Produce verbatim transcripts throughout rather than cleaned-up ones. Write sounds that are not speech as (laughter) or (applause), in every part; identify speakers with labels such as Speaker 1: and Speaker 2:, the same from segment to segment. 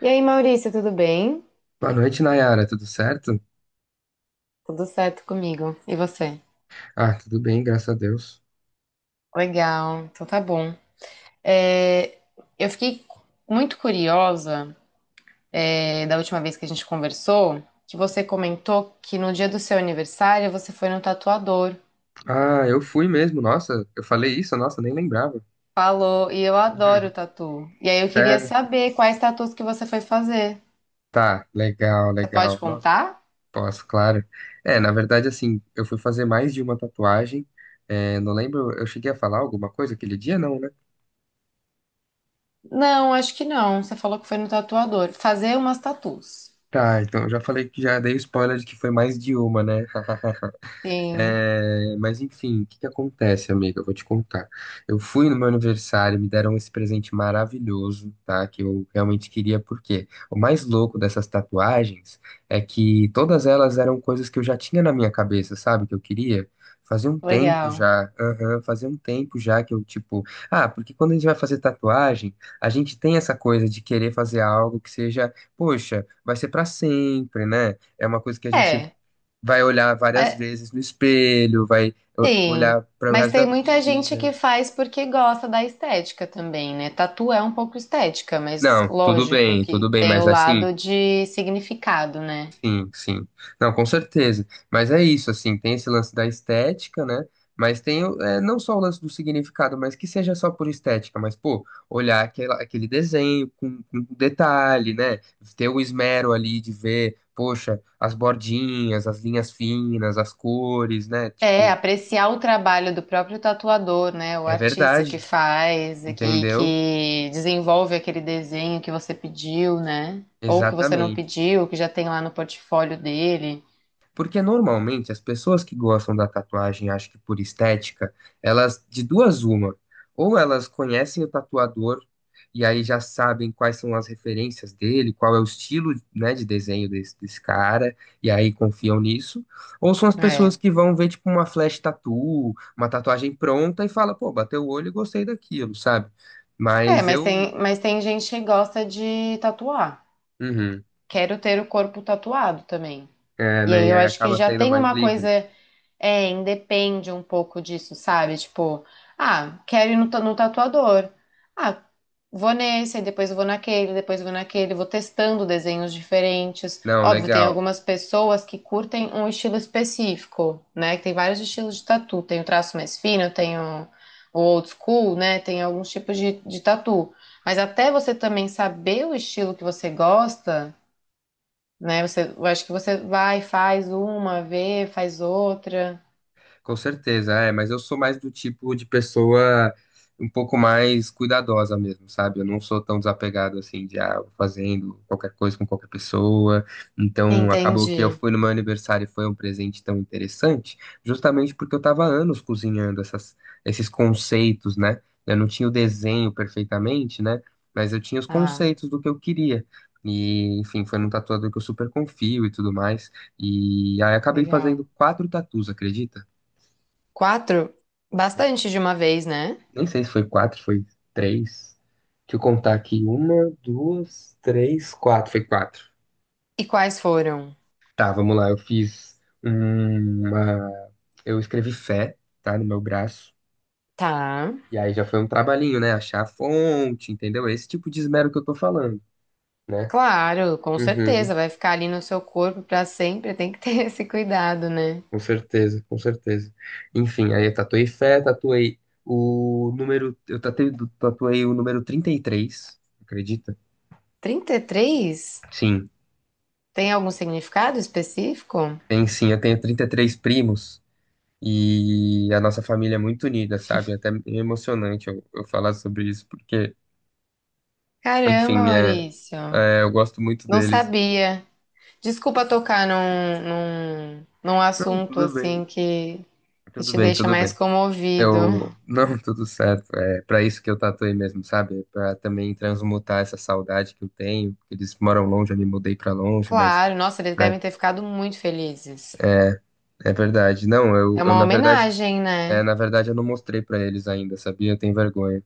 Speaker 1: E aí, Maurício, tudo bem?
Speaker 2: Boa noite, Nayara. Tudo certo?
Speaker 1: Tudo certo comigo. E você?
Speaker 2: Ah, tudo bem, graças a Deus.
Speaker 1: Legal, então tá bom. É, eu fiquei muito curiosa. É, da última vez que a gente conversou, que você comentou que no dia do seu aniversário você foi no tatuador.
Speaker 2: Ah, eu fui mesmo. Nossa, eu falei isso? Nossa, nem lembrava.
Speaker 1: Falou, e eu adoro
Speaker 2: (laughs)
Speaker 1: tatu. E aí eu queria
Speaker 2: Sério?
Speaker 1: saber quais tatus que você foi fazer.
Speaker 2: Tá, legal,
Speaker 1: Você pode
Speaker 2: legal. Não,
Speaker 1: contar?
Speaker 2: posso, claro. É, na verdade, assim, eu fui fazer mais de uma tatuagem. É, não lembro, eu cheguei a falar alguma coisa aquele dia, não, né?
Speaker 1: Não, acho que não. Você falou que foi no tatuador. Fazer umas tatus.
Speaker 2: Tá, então eu já falei que já dei o spoiler de que foi mais de uma, né? (laughs)
Speaker 1: Sim,
Speaker 2: É, mas enfim, o que que acontece, amiga? Eu vou te contar. Eu fui no meu aniversário, me deram esse presente maravilhoso, tá? Que eu realmente queria, porque o mais louco dessas tatuagens é que todas elas eram coisas que eu já tinha na minha cabeça, sabe? Que eu queria. Fazia um tempo
Speaker 1: legal.
Speaker 2: já, aham, fazia um tempo já que eu, tipo, ah, porque quando a gente vai fazer tatuagem, a gente tem essa coisa de querer fazer algo que seja, poxa, vai ser pra sempre, né? É uma coisa que a gente
Speaker 1: É,
Speaker 2: vai olhar várias
Speaker 1: mas
Speaker 2: vezes no espelho, vai o-
Speaker 1: sim,
Speaker 2: olhar para o
Speaker 1: mas
Speaker 2: resto
Speaker 1: tem
Speaker 2: da
Speaker 1: muita gente que
Speaker 2: vida.
Speaker 1: faz porque gosta da estética também, né? Tatu é um pouco estética, mas
Speaker 2: Não, tudo
Speaker 1: lógico
Speaker 2: bem, tudo
Speaker 1: que
Speaker 2: bem,
Speaker 1: tem
Speaker 2: mas
Speaker 1: o
Speaker 2: assim,
Speaker 1: lado de significado, né?
Speaker 2: sim, sim. Não, com certeza. Mas é isso, assim, tem esse lance da estética, né? Mas tem o- é, não só o lance do significado, mas que seja só por estética, mas, pô, olhar aquela, aquele desenho com com detalhe, né? Ter o esmero ali de ver, poxa, as bordinhas, as linhas finas, as cores, né?
Speaker 1: É,
Speaker 2: Tipo,
Speaker 1: apreciar o trabalho do próprio tatuador, né? O
Speaker 2: é
Speaker 1: artista que
Speaker 2: verdade,
Speaker 1: faz e que,
Speaker 2: entendeu?
Speaker 1: que desenvolve aquele desenho que você pediu, né? Ou que você não
Speaker 2: Exatamente.
Speaker 1: pediu, que já tem lá no portfólio dele.
Speaker 2: Porque normalmente as pessoas que gostam da tatuagem, acho que por estética, elas de duas uma, ou elas conhecem o tatuador e aí já sabem quais são as referências dele, qual é o estilo, né, de desenho desse, desse cara, e aí confiam nisso, ou são as pessoas
Speaker 1: É.
Speaker 2: que vão ver tipo uma flash tattoo, uma tatuagem pronta e fala, pô, bateu o olho e gostei daquilo, sabe?
Speaker 1: É,
Speaker 2: Mas
Speaker 1: mas
Speaker 2: eu,
Speaker 1: tem, mas tem gente que gosta de tatuar.
Speaker 2: uhum,
Speaker 1: Quero ter o corpo tatuado também.
Speaker 2: é,
Speaker 1: E
Speaker 2: né,
Speaker 1: aí
Speaker 2: e
Speaker 1: eu
Speaker 2: aí
Speaker 1: acho que
Speaker 2: acaba
Speaker 1: já
Speaker 2: sendo
Speaker 1: tem
Speaker 2: mais
Speaker 1: uma coisa,
Speaker 2: livre.
Speaker 1: é, independe um pouco disso, sabe? Tipo, ah, quero ir no, ta- no tatuador. Ah, vou nesse, aí depois vou naquele, depois vou naquele, vou testando desenhos diferentes.
Speaker 2: Não,
Speaker 1: Óbvio, tem
Speaker 2: legal.
Speaker 1: algumas pessoas que curtem um estilo específico, né? Que tem vários estilos de tatu. Tem o traço mais fino, tem o, o old school, né? Tem alguns tipos de, de tatu. Mas até você também saber o estilo que você gosta né? Você, eu acho que você vai, faz uma, vê, faz outra.
Speaker 2: Com certeza, é, mas eu sou mais do tipo de pessoa um pouco mais cuidadosa mesmo, sabe? Eu não sou tão desapegado assim de ah, vou fazendo qualquer coisa com qualquer pessoa. Então, acabou que eu
Speaker 1: Entendi.
Speaker 2: fui no meu aniversário e foi um presente tão interessante, justamente porque eu tava há anos cozinhando essas, esses conceitos, né? Eu não tinha o desenho perfeitamente, né? Mas eu tinha os
Speaker 1: Ah,
Speaker 2: conceitos do que eu queria. E, enfim, foi num tatuador que eu super confio e tudo mais. E aí acabei fazendo
Speaker 1: legal.
Speaker 2: quatro tatus, acredita?
Speaker 1: Quatro?
Speaker 2: Nem,
Speaker 1: Bastante de uma vez, né?
Speaker 2: nem sei se foi quatro, foi três. Deixa eu contar aqui. Uma, duas, três, quatro. Foi quatro.
Speaker 1: E quais foram?
Speaker 2: Tá, vamos lá. Eu fiz uma. Eu escrevi fé, tá, no meu braço.
Speaker 1: Tá.
Speaker 2: E aí já foi um trabalhinho, né? Achar a fonte, entendeu? Esse tipo de esmero que eu tô falando, né?
Speaker 1: Claro, com
Speaker 2: Uhum,
Speaker 1: certeza. Vai ficar ali no seu corpo pra sempre. Tem que ter (laughs) esse cuidado, né?
Speaker 2: com certeza, com certeza. Enfim, aí eu tatuei fé, tatuei o número. Eu tatuei, tatuei o número trinta e três, acredita?
Speaker 1: Trinta e três.
Speaker 2: Sim,
Speaker 1: Tem algum significado específico?
Speaker 2: tem sim. Eu tenho trinta e três primos. E a nossa família é muito unida, sabe? Até é emocionante eu, eu falar sobre isso, porque,
Speaker 1: Caramba,
Speaker 2: enfim, é,
Speaker 1: Maurício.
Speaker 2: é, eu gosto muito
Speaker 1: Não
Speaker 2: deles.
Speaker 1: sabia. Desculpa tocar num, num, num
Speaker 2: Não,
Speaker 1: assunto
Speaker 2: tudo bem,
Speaker 1: assim que e
Speaker 2: tudo
Speaker 1: te
Speaker 2: bem,
Speaker 1: deixa
Speaker 2: tudo
Speaker 1: mais
Speaker 2: bem.
Speaker 1: comovido.
Speaker 2: Eu, não, (laughs) tudo certo. É para isso que eu tatuei mesmo, sabe? Para também transmutar essa saudade que eu tenho, porque eles moram longe, eu me mudei para longe, mas
Speaker 1: Claro, nossa, eles
Speaker 2: pra-
Speaker 1: devem ter ficado muito felizes.
Speaker 2: é, é verdade. Não, eu,
Speaker 1: É
Speaker 2: eu
Speaker 1: uma
Speaker 2: na verdade,
Speaker 1: homenagem,
Speaker 2: é,
Speaker 1: né?
Speaker 2: na verdade eu não mostrei para eles ainda, sabia? Eu tenho vergonha.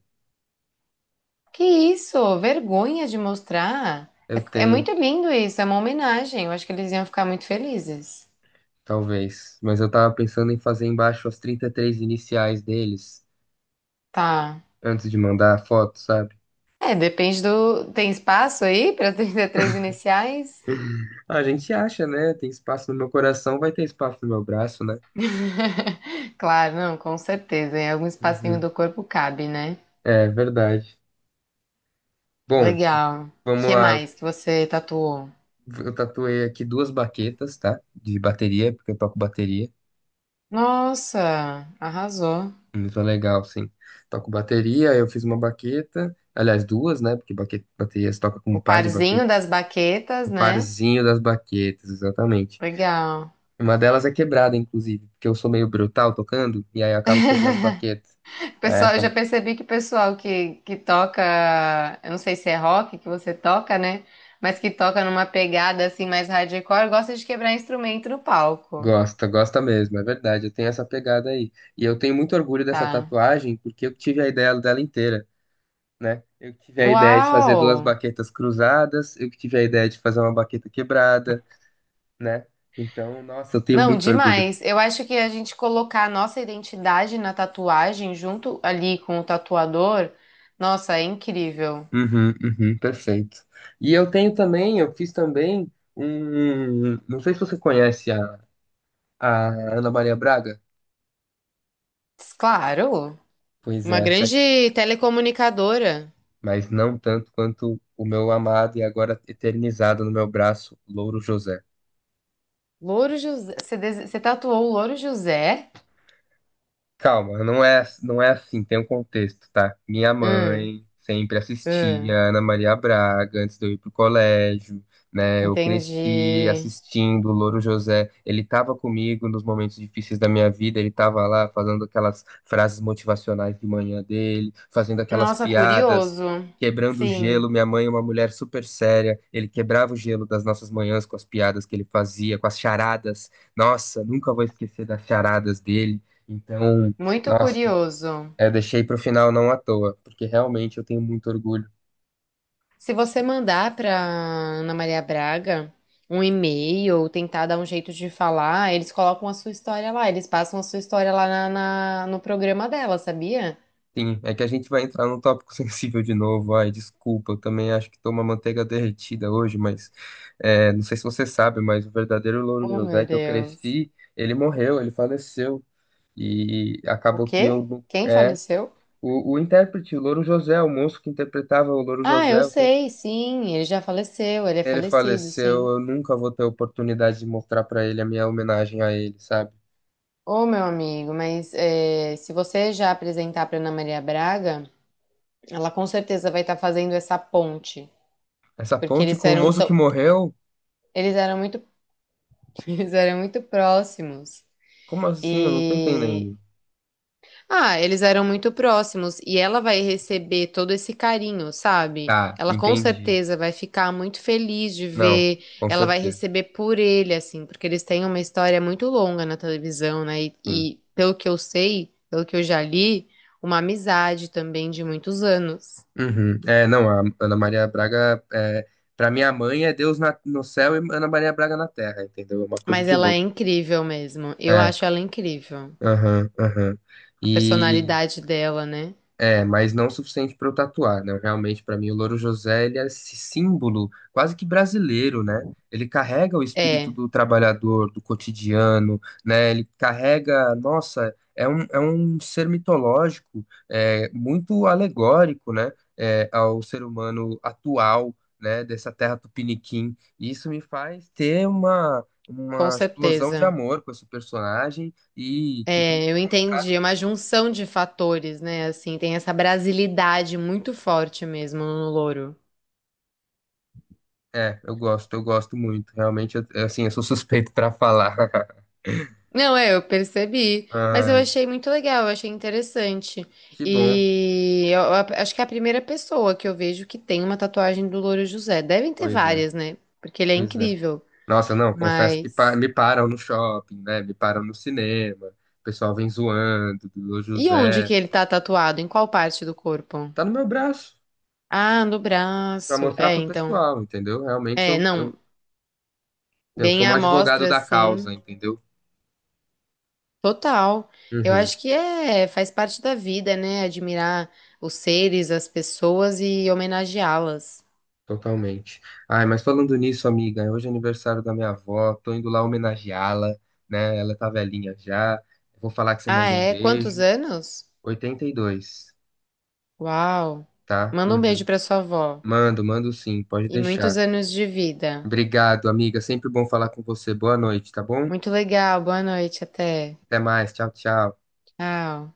Speaker 1: Que isso? Vergonha de mostrar.
Speaker 2: Eu
Speaker 1: É, é
Speaker 2: tenho.
Speaker 1: muito lindo isso, é uma homenagem. Eu acho que eles iam ficar muito felizes.
Speaker 2: Talvez. Mas eu tava pensando em fazer embaixo as trinta e três iniciais deles,
Speaker 1: Tá.
Speaker 2: antes de mandar a foto, sabe?
Speaker 1: É, depende do. Tem espaço aí para trinta e três iniciais?
Speaker 2: (laughs) A gente acha, né? Tem espaço no meu coração, vai ter espaço no meu braço, né?
Speaker 1: (laughs) Claro, não, com certeza. Em algum espacinho
Speaker 2: Uhum.
Speaker 1: do corpo cabe, né?
Speaker 2: É verdade. Bom,
Speaker 1: Legal. O
Speaker 2: vamos
Speaker 1: que
Speaker 2: lá.
Speaker 1: mais que você tatuou?
Speaker 2: Eu tatuei aqui duas baquetas, tá? De bateria, porque eu toco bateria.
Speaker 1: Nossa, arrasou.
Speaker 2: Muito legal, sim. Toco bateria, eu fiz uma baqueta. Aliás, duas, né? Porque baque- bateria se toca com um
Speaker 1: O
Speaker 2: par de
Speaker 1: parzinho
Speaker 2: baquetas.
Speaker 1: das baquetas,
Speaker 2: O
Speaker 1: né?
Speaker 2: parzinho das baquetas, exatamente.
Speaker 1: Legal.
Speaker 2: Uma delas é quebrada, inclusive, porque eu sou meio brutal tocando, e aí eu acabo quebrando baqueta. Aí
Speaker 1: Pessoal, eu já
Speaker 2: acabo...
Speaker 1: percebi que o pessoal que, que toca, eu não sei se é rock que você toca, né? Mas que toca numa pegada assim mais hardcore, gosta de quebrar instrumento no palco,
Speaker 2: Gosta, gosta mesmo, é verdade, eu tenho essa pegada aí. E eu tenho muito orgulho dessa
Speaker 1: tá?
Speaker 2: tatuagem, porque eu que tive a ideia dela inteira, né? Eu que tive a ideia de fazer
Speaker 1: Uau!
Speaker 2: duas baquetas cruzadas, eu que tive a ideia de fazer uma baqueta quebrada, né? Então, nossa, eu tenho
Speaker 1: Não,
Speaker 2: muito orgulho.
Speaker 1: demais. Eu acho que a gente colocar a nossa identidade na tatuagem junto ali com o tatuador, nossa, é incrível.
Speaker 2: Uhum, uhum, perfeito. E eu tenho também, eu fiz também um... Não sei se você conhece a, a Ana Maria Braga.
Speaker 1: Claro,
Speaker 2: Pois
Speaker 1: uma
Speaker 2: é, você
Speaker 1: grande telecomunicadora.
Speaker 2: mas não tanto quanto o meu amado e agora eternizado no meu braço, Louro José.
Speaker 1: Louro José. Você, dese- você tatuou o Louro José?
Speaker 2: Calma, não é, não é assim, tem um contexto, tá? Minha
Speaker 1: Hum,
Speaker 2: mãe sempre assistia
Speaker 1: hum,
Speaker 2: Ana Maria Braga antes de eu ir pro colégio, né? Eu cresci
Speaker 1: entendi.
Speaker 2: assistindo o Louro José, ele tava comigo nos momentos difíceis da minha vida, ele tava lá fazendo aquelas frases motivacionais de manhã dele, fazendo aquelas
Speaker 1: Nossa,
Speaker 2: piadas,
Speaker 1: curioso.
Speaker 2: quebrando o
Speaker 1: Sim,
Speaker 2: gelo. Minha mãe é uma mulher super séria, ele quebrava o gelo das nossas manhãs com as piadas que ele fazia, com as charadas. Nossa, nunca vou esquecer das charadas dele. Então,
Speaker 1: muito
Speaker 2: nossa,
Speaker 1: curioso.
Speaker 2: é deixei pro final não à toa, porque realmente eu tenho muito orgulho.
Speaker 1: Se você mandar para Ana Maria Braga um e-mail ou tentar dar um jeito de falar, eles colocam a sua história lá. Eles passam a sua história lá na, na- no programa dela, sabia?
Speaker 2: Sim, é que a gente vai entrar num tópico (laughs) sensível de novo. Ai, desculpa, eu também acho que tô uma manteiga derretida hoje, mas é, não sei se você sabe, mas o verdadeiro Louro
Speaker 1: Oh,
Speaker 2: José
Speaker 1: meu
Speaker 2: que eu
Speaker 1: Deus.
Speaker 2: cresci, ele morreu, ele faleceu. E
Speaker 1: O
Speaker 2: acabou que
Speaker 1: quê?
Speaker 2: eu. Não-
Speaker 1: Quem
Speaker 2: é,
Speaker 1: faleceu?
Speaker 2: o, o intérprete, o Louro José, o moço que interpretava o Louro
Speaker 1: Ah,
Speaker 2: José,
Speaker 1: eu
Speaker 2: o tempo,
Speaker 1: sei, sim. Ele já faleceu. Ele é
Speaker 2: ele
Speaker 1: falecido,
Speaker 2: faleceu,
Speaker 1: sim.
Speaker 2: eu nunca vou ter oportunidade de mostrar pra ele a minha homenagem a ele, sabe?
Speaker 1: Ô, meu amigo, mas é, se você já apresentar para Ana Maria Braga, ela com certeza vai estar fazendo essa ponte,
Speaker 2: Essa
Speaker 1: porque
Speaker 2: ponte
Speaker 1: eles
Speaker 2: com o
Speaker 1: eram
Speaker 2: moço
Speaker 1: tão,
Speaker 2: que morreu.
Speaker 1: eles eram muito, (laughs) eles eram muito próximos.
Speaker 2: Como assim? Eu não tô entendendo.
Speaker 1: Ah, eles eram muito próximos e ela vai receber todo esse carinho, sabe?
Speaker 2: Tá,
Speaker 1: Ela com
Speaker 2: entendi.
Speaker 1: certeza vai ficar muito feliz de
Speaker 2: Não,
Speaker 1: ver,
Speaker 2: com
Speaker 1: ela vai
Speaker 2: certeza.
Speaker 1: receber por ele, assim, porque eles têm uma história muito longa na televisão, né? E,
Speaker 2: Sim.
Speaker 1: e pelo que eu sei, pelo que eu já li, uma amizade também de muitos anos.
Speaker 2: Uhum. É, não, a Ana Maria Braga, é, pra minha mãe é Deus na- no céu e Ana Maria Braga na terra, entendeu? É uma coisa
Speaker 1: Mas
Speaker 2: de
Speaker 1: ela é
Speaker 2: louco.
Speaker 1: incrível mesmo, eu
Speaker 2: É,
Speaker 1: acho ela incrível.
Speaker 2: aham, aham.
Speaker 1: A
Speaker 2: E
Speaker 1: personalidade dela, né?
Speaker 2: É, mas não o suficiente para eu tatuar, né? Realmente, para mim, o Louro José, ele é esse símbolo quase que brasileiro, né? Ele carrega o espírito
Speaker 1: É,
Speaker 2: do trabalhador, do cotidiano, né? Ele carrega, nossa, é um, é um ser mitológico, é, muito alegórico, né? É, ao ser humano atual, né? Dessa terra tupiniquim. E isso me faz ter uma,
Speaker 1: com
Speaker 2: uma explosão de
Speaker 1: certeza.
Speaker 2: amor com esse personagem e que tem que
Speaker 1: É, eu
Speaker 2: ser...
Speaker 1: entendi, é uma junção de fatores, né? Assim, tem essa brasilidade muito forte mesmo no louro.
Speaker 2: É, eu gosto, eu gosto muito. Realmente, eu- eu, assim, eu sou (laughs) suspeito pra falar. (laughs)
Speaker 1: Não, é, eu percebi, mas eu
Speaker 2: Ai,
Speaker 1: achei muito legal, eu achei interessante.
Speaker 2: que bom.
Speaker 1: E eu, eu acho que é a primeira pessoa que eu vejo que tem uma tatuagem do Louro José. Devem ter
Speaker 2: Pois é,
Speaker 1: várias, né? Porque ele é
Speaker 2: pois é.
Speaker 1: incrível.
Speaker 2: Nossa, não, confesso que pa-
Speaker 1: Mas
Speaker 2: me param no shopping, né? Me param no cinema. O pessoal vem zoando, do
Speaker 1: e onde que
Speaker 2: José.
Speaker 1: ele tá tatuado? Em qual parte do corpo?
Speaker 2: Tá no meu braço
Speaker 1: Ah, no
Speaker 2: pra
Speaker 1: braço.
Speaker 2: mostrar
Speaker 1: É,
Speaker 2: pro
Speaker 1: então.
Speaker 2: pessoal, entendeu? Realmente
Speaker 1: É,
Speaker 2: eu,
Speaker 1: não,
Speaker 2: eu, eu sou
Speaker 1: bem
Speaker 2: um
Speaker 1: à
Speaker 2: advogado
Speaker 1: mostra,
Speaker 2: da
Speaker 1: assim.
Speaker 2: causa, entendeu?
Speaker 1: Total. Eu
Speaker 2: Uhum.
Speaker 1: acho que é, faz parte da vida, né? Admirar os seres, as pessoas e homenageá-las.
Speaker 2: Totalmente. Ai, mas falando nisso, amiga, hoje é aniversário da minha avó, tô indo lá homenageá-la, né? Ela tá velhinha já. Vou falar que você
Speaker 1: Ah,
Speaker 2: mandou um
Speaker 1: é? Quantos
Speaker 2: beijo.
Speaker 1: anos?
Speaker 2: oitenta e dois,
Speaker 1: Uau!
Speaker 2: tá?
Speaker 1: Manda um
Speaker 2: Uhum.
Speaker 1: beijo pra sua avó.
Speaker 2: Mando, mando sim, pode
Speaker 1: E muitos
Speaker 2: deixar.
Speaker 1: anos de vida.
Speaker 2: Obrigado, amiga. Sempre bom falar com você. Boa noite, tá bom?
Speaker 1: Muito legal. Boa noite, até.
Speaker 2: Até mais. Tchau, tchau.
Speaker 1: Tchau.